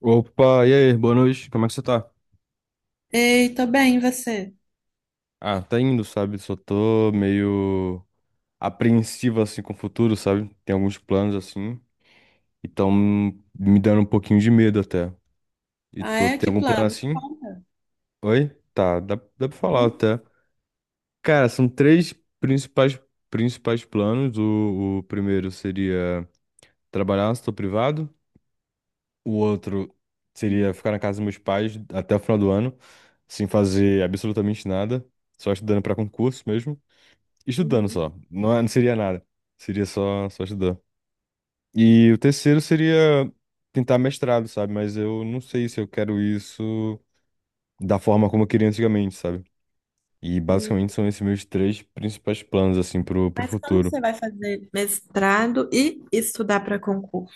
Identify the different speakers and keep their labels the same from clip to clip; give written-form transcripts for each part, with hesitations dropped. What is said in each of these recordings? Speaker 1: Opa, e aí, boa noite, como é que você tá?
Speaker 2: Ei, tô bem, e você?
Speaker 1: Ah, tá indo, sabe? Só tô meio apreensivo, assim, com o futuro, sabe? Tem alguns planos, assim, e tão me dando um pouquinho de medo até. E
Speaker 2: Ah,
Speaker 1: tu
Speaker 2: é?
Speaker 1: tem
Speaker 2: Que
Speaker 1: algum plano
Speaker 2: plano? Me
Speaker 1: assim?
Speaker 2: conta.
Speaker 1: Oi? Tá, dá pra falar
Speaker 2: Hum?
Speaker 1: até. Cara, são três principais, principais planos. O primeiro seria trabalhar no setor privado. O outro seria
Speaker 2: Uhum.
Speaker 1: ficar na casa dos meus pais até o final do ano, sem fazer absolutamente nada, só estudando pra concurso mesmo. Estudando só. Não, não seria nada. Seria só, só estudar. E o terceiro seria tentar mestrado, sabe? Mas eu não sei se eu quero isso da forma como eu queria antigamente, sabe? E
Speaker 2: Hum.
Speaker 1: basicamente são esses meus três principais planos, assim, pro
Speaker 2: Mas como
Speaker 1: futuro.
Speaker 2: você vai fazer mestrado e estudar para concurso?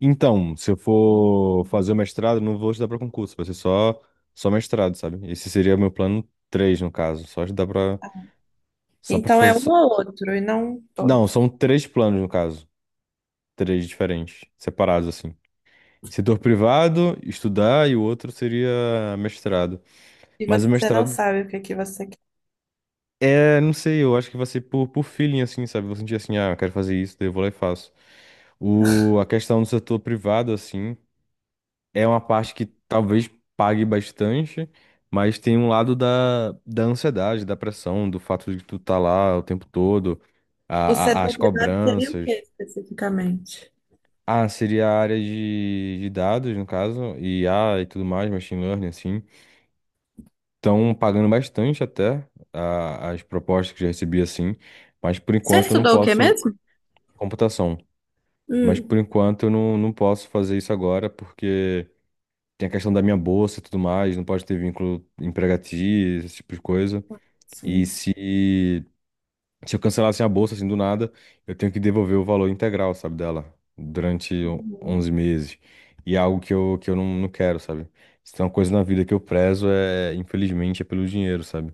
Speaker 1: Então, se eu for fazer o mestrado, não vou estudar pra concurso, vai ser só, só mestrado, sabe? Esse seria o meu plano três, no caso. Só estudar pra. Só pra
Speaker 2: Então é um
Speaker 1: fazer.
Speaker 2: ou outro e não todo.
Speaker 1: Não, são três planos, no caso. Três diferentes, separados, assim. Setor privado, estudar, e o outro seria mestrado.
Speaker 2: E
Speaker 1: Mas o
Speaker 2: você não
Speaker 1: mestrado
Speaker 2: sabe o que é que você quer.
Speaker 1: é, não sei, eu acho que vai ser por feeling, assim, sabe? Vou sentir assim, ah, eu quero fazer isso, daí eu vou lá e faço. A questão do setor privado, assim, é uma parte que talvez pague bastante, mas tem um lado da ansiedade, da pressão, do fato de tu tá lá o tempo todo,
Speaker 2: O setor
Speaker 1: as
Speaker 2: privado seria o
Speaker 1: cobranças.
Speaker 2: que especificamente?
Speaker 1: Ah, seria a área de dados, no caso, IA e tudo mais, machine learning, assim. Estão pagando bastante até as propostas que já recebi assim, mas por
Speaker 2: Você
Speaker 1: enquanto eu não
Speaker 2: estudou o que
Speaker 1: posso
Speaker 2: mesmo?
Speaker 1: computação. Mas por
Speaker 2: Hum,
Speaker 1: enquanto eu não posso fazer isso agora porque tem a questão da minha bolsa e tudo mais, não pode ter vínculo empregatício, esse tipo de coisa. E
Speaker 2: sim.
Speaker 1: se eu cancelasse a bolsa assim do nada, eu tenho que devolver o valor integral, sabe, dela durante
Speaker 2: Uhum.
Speaker 1: 11 meses. E é algo que eu não quero, sabe? Se tem uma coisa na vida que eu prezo é, infelizmente, é pelo dinheiro, sabe?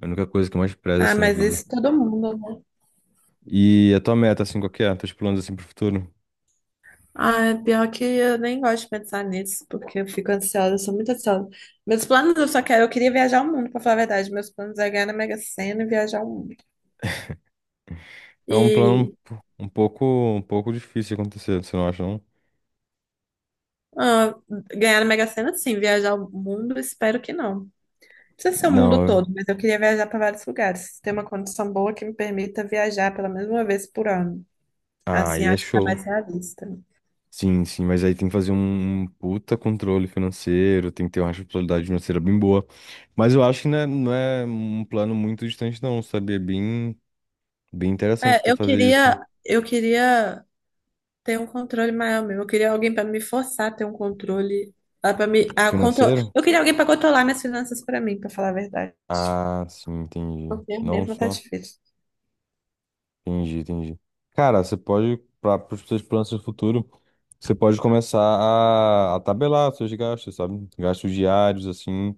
Speaker 1: É a única coisa que eu mais prezo
Speaker 2: Ah,
Speaker 1: assim na
Speaker 2: mas
Speaker 1: vida.
Speaker 2: isso todo mundo.
Speaker 1: E a tua meta, assim, qual que é? Teus planos assim pro futuro?
Speaker 2: Ah, é pior que eu nem gosto de pensar nisso, porque eu fico ansiosa, eu sou muito ansiosa. Meus planos, eu queria viajar o mundo, pra falar a verdade. Meus planos é ganhar na Mega Sena e viajar o mundo.
Speaker 1: É um plano
Speaker 2: E
Speaker 1: um pouco difícil de acontecer, você não acha, não?
Speaker 2: ah, Ganhar na Mega Sena, sim, viajar o mundo, espero que não. Não precisa ser o mundo
Speaker 1: Não,
Speaker 2: todo, mas eu queria viajar para vários lugares. Ter uma condição boa que me permita viajar pela mesma vez por ano.
Speaker 1: ah,
Speaker 2: Assim,
Speaker 1: aí é
Speaker 2: acho que é
Speaker 1: show.
Speaker 2: mais realista.
Speaker 1: Sim, sim, mas aí tem que fazer um puta controle financeiro, tem que ter uma responsabilidade financeira bem boa. Mas eu acho que não não é um plano muito distante, não, sabe? É bem, bem interessante
Speaker 2: É,
Speaker 1: até fazer isso.
Speaker 2: eu queria ter um controle maior mesmo. Eu queria alguém para me forçar a ter um controle, para me a control...
Speaker 1: Financeiro?
Speaker 2: eu queria alguém para controlar minhas finanças para mim, para falar a verdade.
Speaker 1: Ah, sim, entendi.
Speaker 2: Porque eu
Speaker 1: Não
Speaker 2: mesma tá
Speaker 1: só.
Speaker 2: difícil.
Speaker 1: Entendi, entendi. Cara, você pode, para os seus planos do futuro, você pode começar a tabelar seus gastos, sabe? Gastos diários, assim,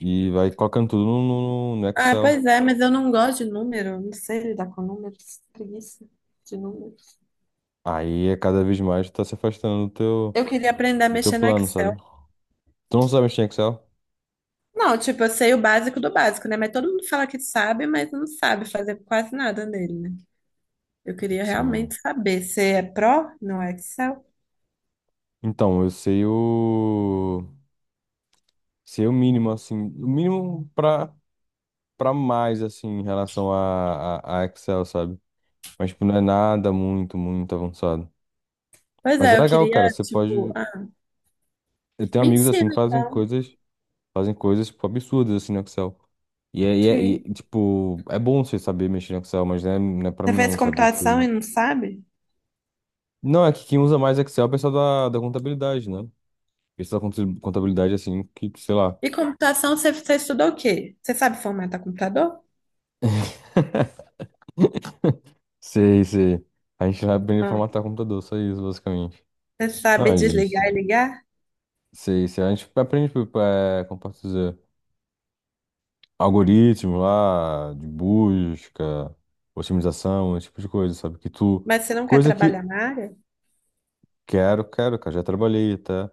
Speaker 1: e vai colocando tudo no
Speaker 2: Ah,
Speaker 1: Excel.
Speaker 2: pois é, mas eu não gosto de número, não sei lidar com números, preguiça de números.
Speaker 1: Aí, é cada vez mais, tu tá se afastando
Speaker 2: Eu queria aprender a
Speaker 1: do teu
Speaker 2: mexer no
Speaker 1: plano,
Speaker 2: Excel.
Speaker 1: sabe? Tu não sabe mexer em Excel?
Speaker 2: Não, tipo, eu sei o básico do básico, né? Mas todo mundo fala que sabe, mas não sabe fazer quase nada nele, né? Eu queria
Speaker 1: Sim.
Speaker 2: realmente saber. Você é pró no Excel?
Speaker 1: Então, eu sei o... Sei o mínimo, assim, o mínimo pra mais, assim, em relação a Excel, sabe? Mas, tipo, não é nada muito, muito avançado.
Speaker 2: Pois
Speaker 1: Mas é
Speaker 2: é, eu
Speaker 1: legal,
Speaker 2: queria,
Speaker 1: cara. Você pode. Eu tenho
Speaker 2: me
Speaker 1: amigos
Speaker 2: ensina
Speaker 1: assim que
Speaker 2: então.
Speaker 1: fazem coisas tipo, absurdas assim no Excel.
Speaker 2: Sim.
Speaker 1: Tipo, é bom você saber mexer no Excel, mas não não é pra
Speaker 2: Você
Speaker 1: mim
Speaker 2: fez
Speaker 1: não, sabe?
Speaker 2: computação
Speaker 1: Você...
Speaker 2: e não sabe?
Speaker 1: Não, é que quem usa mais Excel é o pessoal da contabilidade, né? Pessoal contabilidade assim, que, sei lá,
Speaker 2: E computação, você estudou o quê? Você sabe formatar computador?
Speaker 1: sei, sei. A gente vai aprender a
Speaker 2: Ah,
Speaker 1: formatar computador, só isso, basicamente.
Speaker 2: você sabe
Speaker 1: Não, gente,
Speaker 2: desligar e ligar?
Speaker 1: sei, sei. A gente aprende, tipo, é, como posso dizer? Algoritmo lá de busca, otimização, esse tipo de coisa, sabe? Que tu.
Speaker 2: Mas você não quer
Speaker 1: Coisa que
Speaker 2: trabalhar na área?
Speaker 1: quero, quero, cara, já trabalhei até.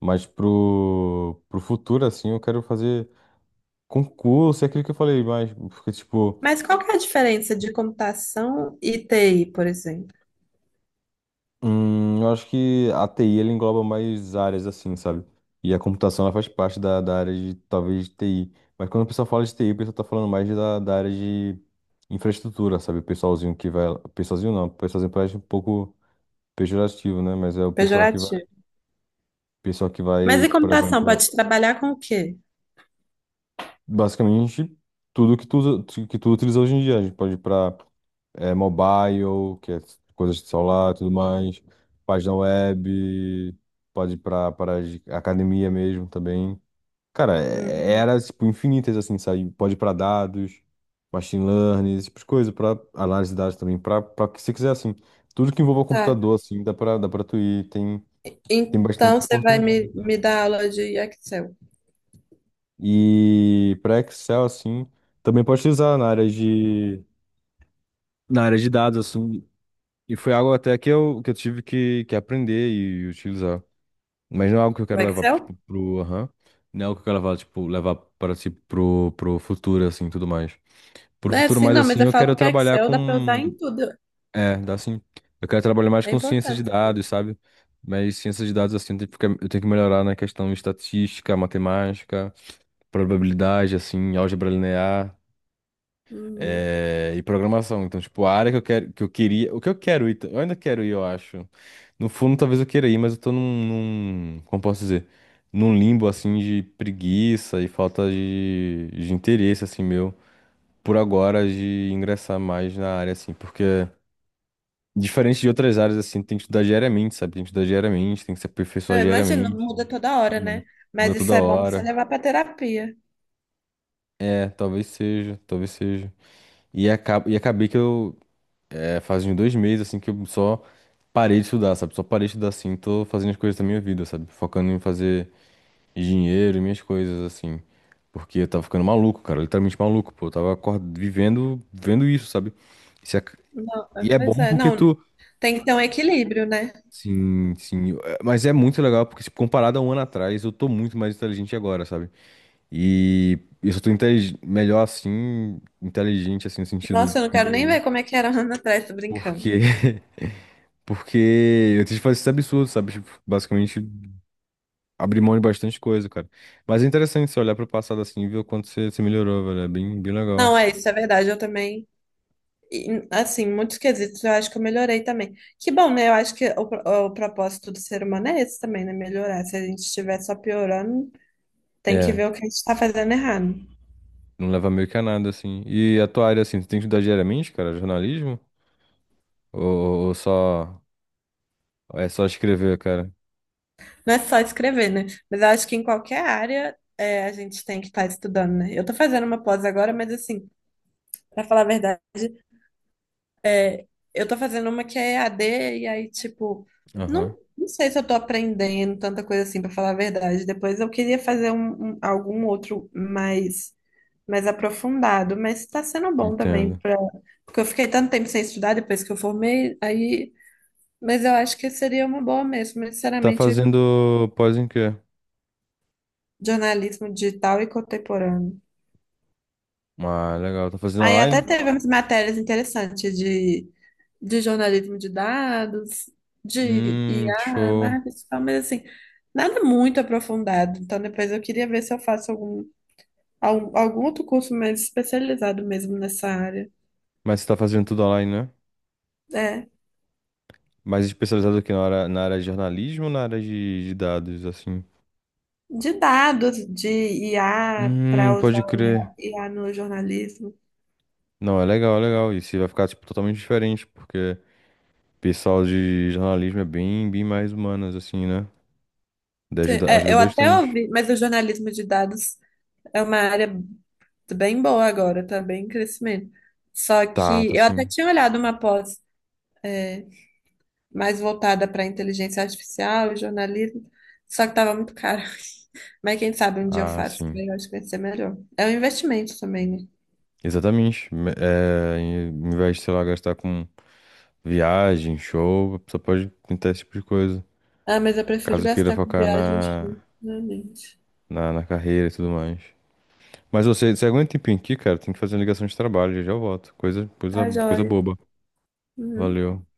Speaker 1: Mas pro futuro, assim, eu quero fazer concurso, é aquilo que eu falei, mas. Porque, tipo,
Speaker 2: Mas qual que é a diferença de computação e TI, por exemplo?
Speaker 1: eu acho que a TI ela engloba mais áreas, assim, sabe? E a computação ela faz parte da área de, talvez, TI. Mas quando o pessoal fala de TI, o pessoal tá falando mais da área de infraestrutura, sabe? O pessoalzinho que vai. Pessoalzinho não, o pessoalzinho parece um pouco pejorativo, né? Mas é o
Speaker 2: Pejorativo.
Speaker 1: pessoal que
Speaker 2: Mas
Speaker 1: vai,
Speaker 2: e
Speaker 1: por
Speaker 2: computação,
Speaker 1: exemplo,
Speaker 2: pode trabalhar com o quê?
Speaker 1: basicamente tudo que tu usa, que tu utiliza hoje em dia. A gente pode ir para mobile, que é coisas de celular, e tudo mais, página web, pode ir para academia mesmo também. Cara,
Speaker 2: Hum,
Speaker 1: era tipo infinitas assim, sabe? Pode ir para dados, machine learning, esse tipo de coisa, para análise de dados também, para o que você quiser assim. Tudo que envolva
Speaker 2: tá.
Speaker 1: computador assim, dá para tu ir, tem tem bastante
Speaker 2: Então você vai
Speaker 1: oportunidade.
Speaker 2: me dar aula de Excel.
Speaker 1: E para Excel, assim, também pode utilizar na área de dados, assim. E foi algo até que eu tive que aprender e utilizar. Mas não é algo que eu
Speaker 2: O
Speaker 1: quero levar, tipo,
Speaker 2: Excel?
Speaker 1: pro, aham. Não é algo que eu quero levar, tipo, levar para, si pro, pro futuro, assim, tudo mais. Pro
Speaker 2: É,
Speaker 1: futuro
Speaker 2: sim,
Speaker 1: mais,
Speaker 2: não, mas
Speaker 1: assim,
Speaker 2: eu
Speaker 1: eu
Speaker 2: falo
Speaker 1: quero
Speaker 2: porque
Speaker 1: trabalhar
Speaker 2: Excel dá para usar em
Speaker 1: com...
Speaker 2: tudo.
Speaker 1: É, dá assim. Eu quero trabalhar mais
Speaker 2: É
Speaker 1: com ciência de
Speaker 2: importante.
Speaker 1: dados, sabe? Mas ciência de dados, assim, eu tenho que eu tenho que melhorar na questão de estatística, matemática, probabilidade, assim, álgebra linear.
Speaker 2: Hum.
Speaker 1: É, e programação. Então, tipo, a área que eu quero, que eu queria, o que eu quero ir, eu ainda quero ir, eu acho. No fundo, talvez eu queira ir, mas eu tô como posso dizer, num limbo assim de preguiça e falta de interesse assim meu por agora de ingressar mais na área assim, porque diferente de outras áreas assim, tem que estudar diariamente, sabe? Tem que estudar diariamente, tem que se aperfeiçoar
Speaker 2: Eu imagino,
Speaker 1: diariamente,
Speaker 2: muda toda
Speaker 1: tudo
Speaker 2: hora,
Speaker 1: mais.
Speaker 2: né?
Speaker 1: Muda
Speaker 2: Mas isso
Speaker 1: toda
Speaker 2: é bom para você
Speaker 1: hora.
Speaker 2: levar para terapia.
Speaker 1: É, talvez seja, talvez seja. E, acabei que eu é, faz uns dois meses, assim, que eu só parei de estudar, sabe? Só parei de estudar, assim, tô fazendo as coisas da minha vida, sabe? Focando em fazer dinheiro e minhas coisas, assim. Porque eu tava ficando maluco, cara, literalmente maluco, pô. Eu tava vivendo, vendo isso, sabe? Isso é
Speaker 2: Não, é,
Speaker 1: e é
Speaker 2: pois
Speaker 1: bom
Speaker 2: é,
Speaker 1: porque
Speaker 2: não.
Speaker 1: tu...
Speaker 2: Tem que ter um equilíbrio, né?
Speaker 1: Sim, sim. Mas é muito legal porque, tipo, comparado a um ano atrás, eu tô muito mais inteligente agora, sabe? E eu só tô melhor, assim, inteligente, assim, no sentido...
Speaker 2: Nossa, eu não quero nem
Speaker 1: Melhorei.
Speaker 2: ver como é que era um ano atrás, tô
Speaker 1: Porque...
Speaker 2: brincando.
Speaker 1: Porque eu tentei fazer esse absurdo, sabe? Tipo, basicamente, abrir mão de bastante coisa, cara. Mas é interessante você olhar pro passado assim e ver o quanto você, você melhorou, velho. É bem, bem
Speaker 2: Não,
Speaker 1: legal.
Speaker 2: é isso, é verdade. Eu também. E, assim, muitos quesitos eu acho que eu melhorei também. Que bom, né? Eu acho que o propósito do ser humano é esse também, né? Melhorar. Se a gente estiver só piorando, tem que
Speaker 1: É,
Speaker 2: ver o que a gente está fazendo errado.
Speaker 1: não leva meio que a nada, assim. E a tua área, assim, tu tem que estudar diariamente, cara? Jornalismo? Ou só... É só escrever, cara?
Speaker 2: Não é só escrever, né? Mas eu acho que em qualquer área é, a gente tem que estar estudando, né? Eu tô fazendo uma pós agora, mas assim, para falar a verdade, é, eu tô fazendo uma que é EAD, e aí,
Speaker 1: Aham,
Speaker 2: não sei se eu tô aprendendo tanta coisa assim, para falar a verdade. Depois eu queria fazer algum outro mais aprofundado, mas está sendo bom também
Speaker 1: entendo.
Speaker 2: para porque eu fiquei tanto tempo sem estudar depois que eu formei, aí, mas eu acho que seria uma boa mesmo, mas,
Speaker 1: Tá
Speaker 2: sinceramente,
Speaker 1: fazendo pós em quê?
Speaker 2: jornalismo digital e contemporâneo.
Speaker 1: Ah, legal. Tá fazendo
Speaker 2: Aí até
Speaker 1: online?
Speaker 2: teve umas matérias interessantes de jornalismo de dados, de IA,
Speaker 1: Show.
Speaker 2: marketing, digital, mas assim, nada muito aprofundado. Então depois eu queria ver se eu faço algum outro curso mais especializado mesmo nessa área.
Speaker 1: Mas você tá fazendo tudo online, né?
Speaker 2: É.
Speaker 1: Mais especializado aqui na área de jornalismo ou na área de dados, assim?
Speaker 2: De dados de IA para
Speaker 1: Pode
Speaker 2: usar o
Speaker 1: crer.
Speaker 2: IA no jornalismo.
Speaker 1: Não, é legal, é legal. E se vai ficar, tipo, totalmente diferente, porque o pessoal de jornalismo é bem, bem mais humanas, assim, né? Daí ajuda,
Speaker 2: É,
Speaker 1: ajuda
Speaker 2: eu até
Speaker 1: bastante.
Speaker 2: ouvi, mas o jornalismo de dados é uma área bem boa agora, tá bem em crescimento. Só
Speaker 1: Tá,
Speaker 2: que
Speaker 1: tá
Speaker 2: eu até
Speaker 1: sim.
Speaker 2: tinha olhado uma pós é, mais voltada para inteligência artificial e jornalismo, só que estava muito caro. Mas quem sabe um dia eu
Speaker 1: Ah,
Speaker 2: faço, que
Speaker 1: sim.
Speaker 2: eu acho que vai ser melhor. É um investimento também, né?
Speaker 1: Exatamente. Em vez de, sei lá, gastar com viagem, show, a pessoa pode tentar esse tipo de coisa.
Speaker 2: Ah, mas eu prefiro
Speaker 1: Caso queira
Speaker 2: gastar com
Speaker 1: focar
Speaker 2: viagens, realmente.
Speaker 1: na carreira e tudo mais. Mas você, você aguenta um tempinho aqui, cara, tem que fazer uma ligação de trabalho, já já eu volto.
Speaker 2: Tá
Speaker 1: Coisa
Speaker 2: joia.
Speaker 1: boba.
Speaker 2: Uhum.
Speaker 1: Valeu.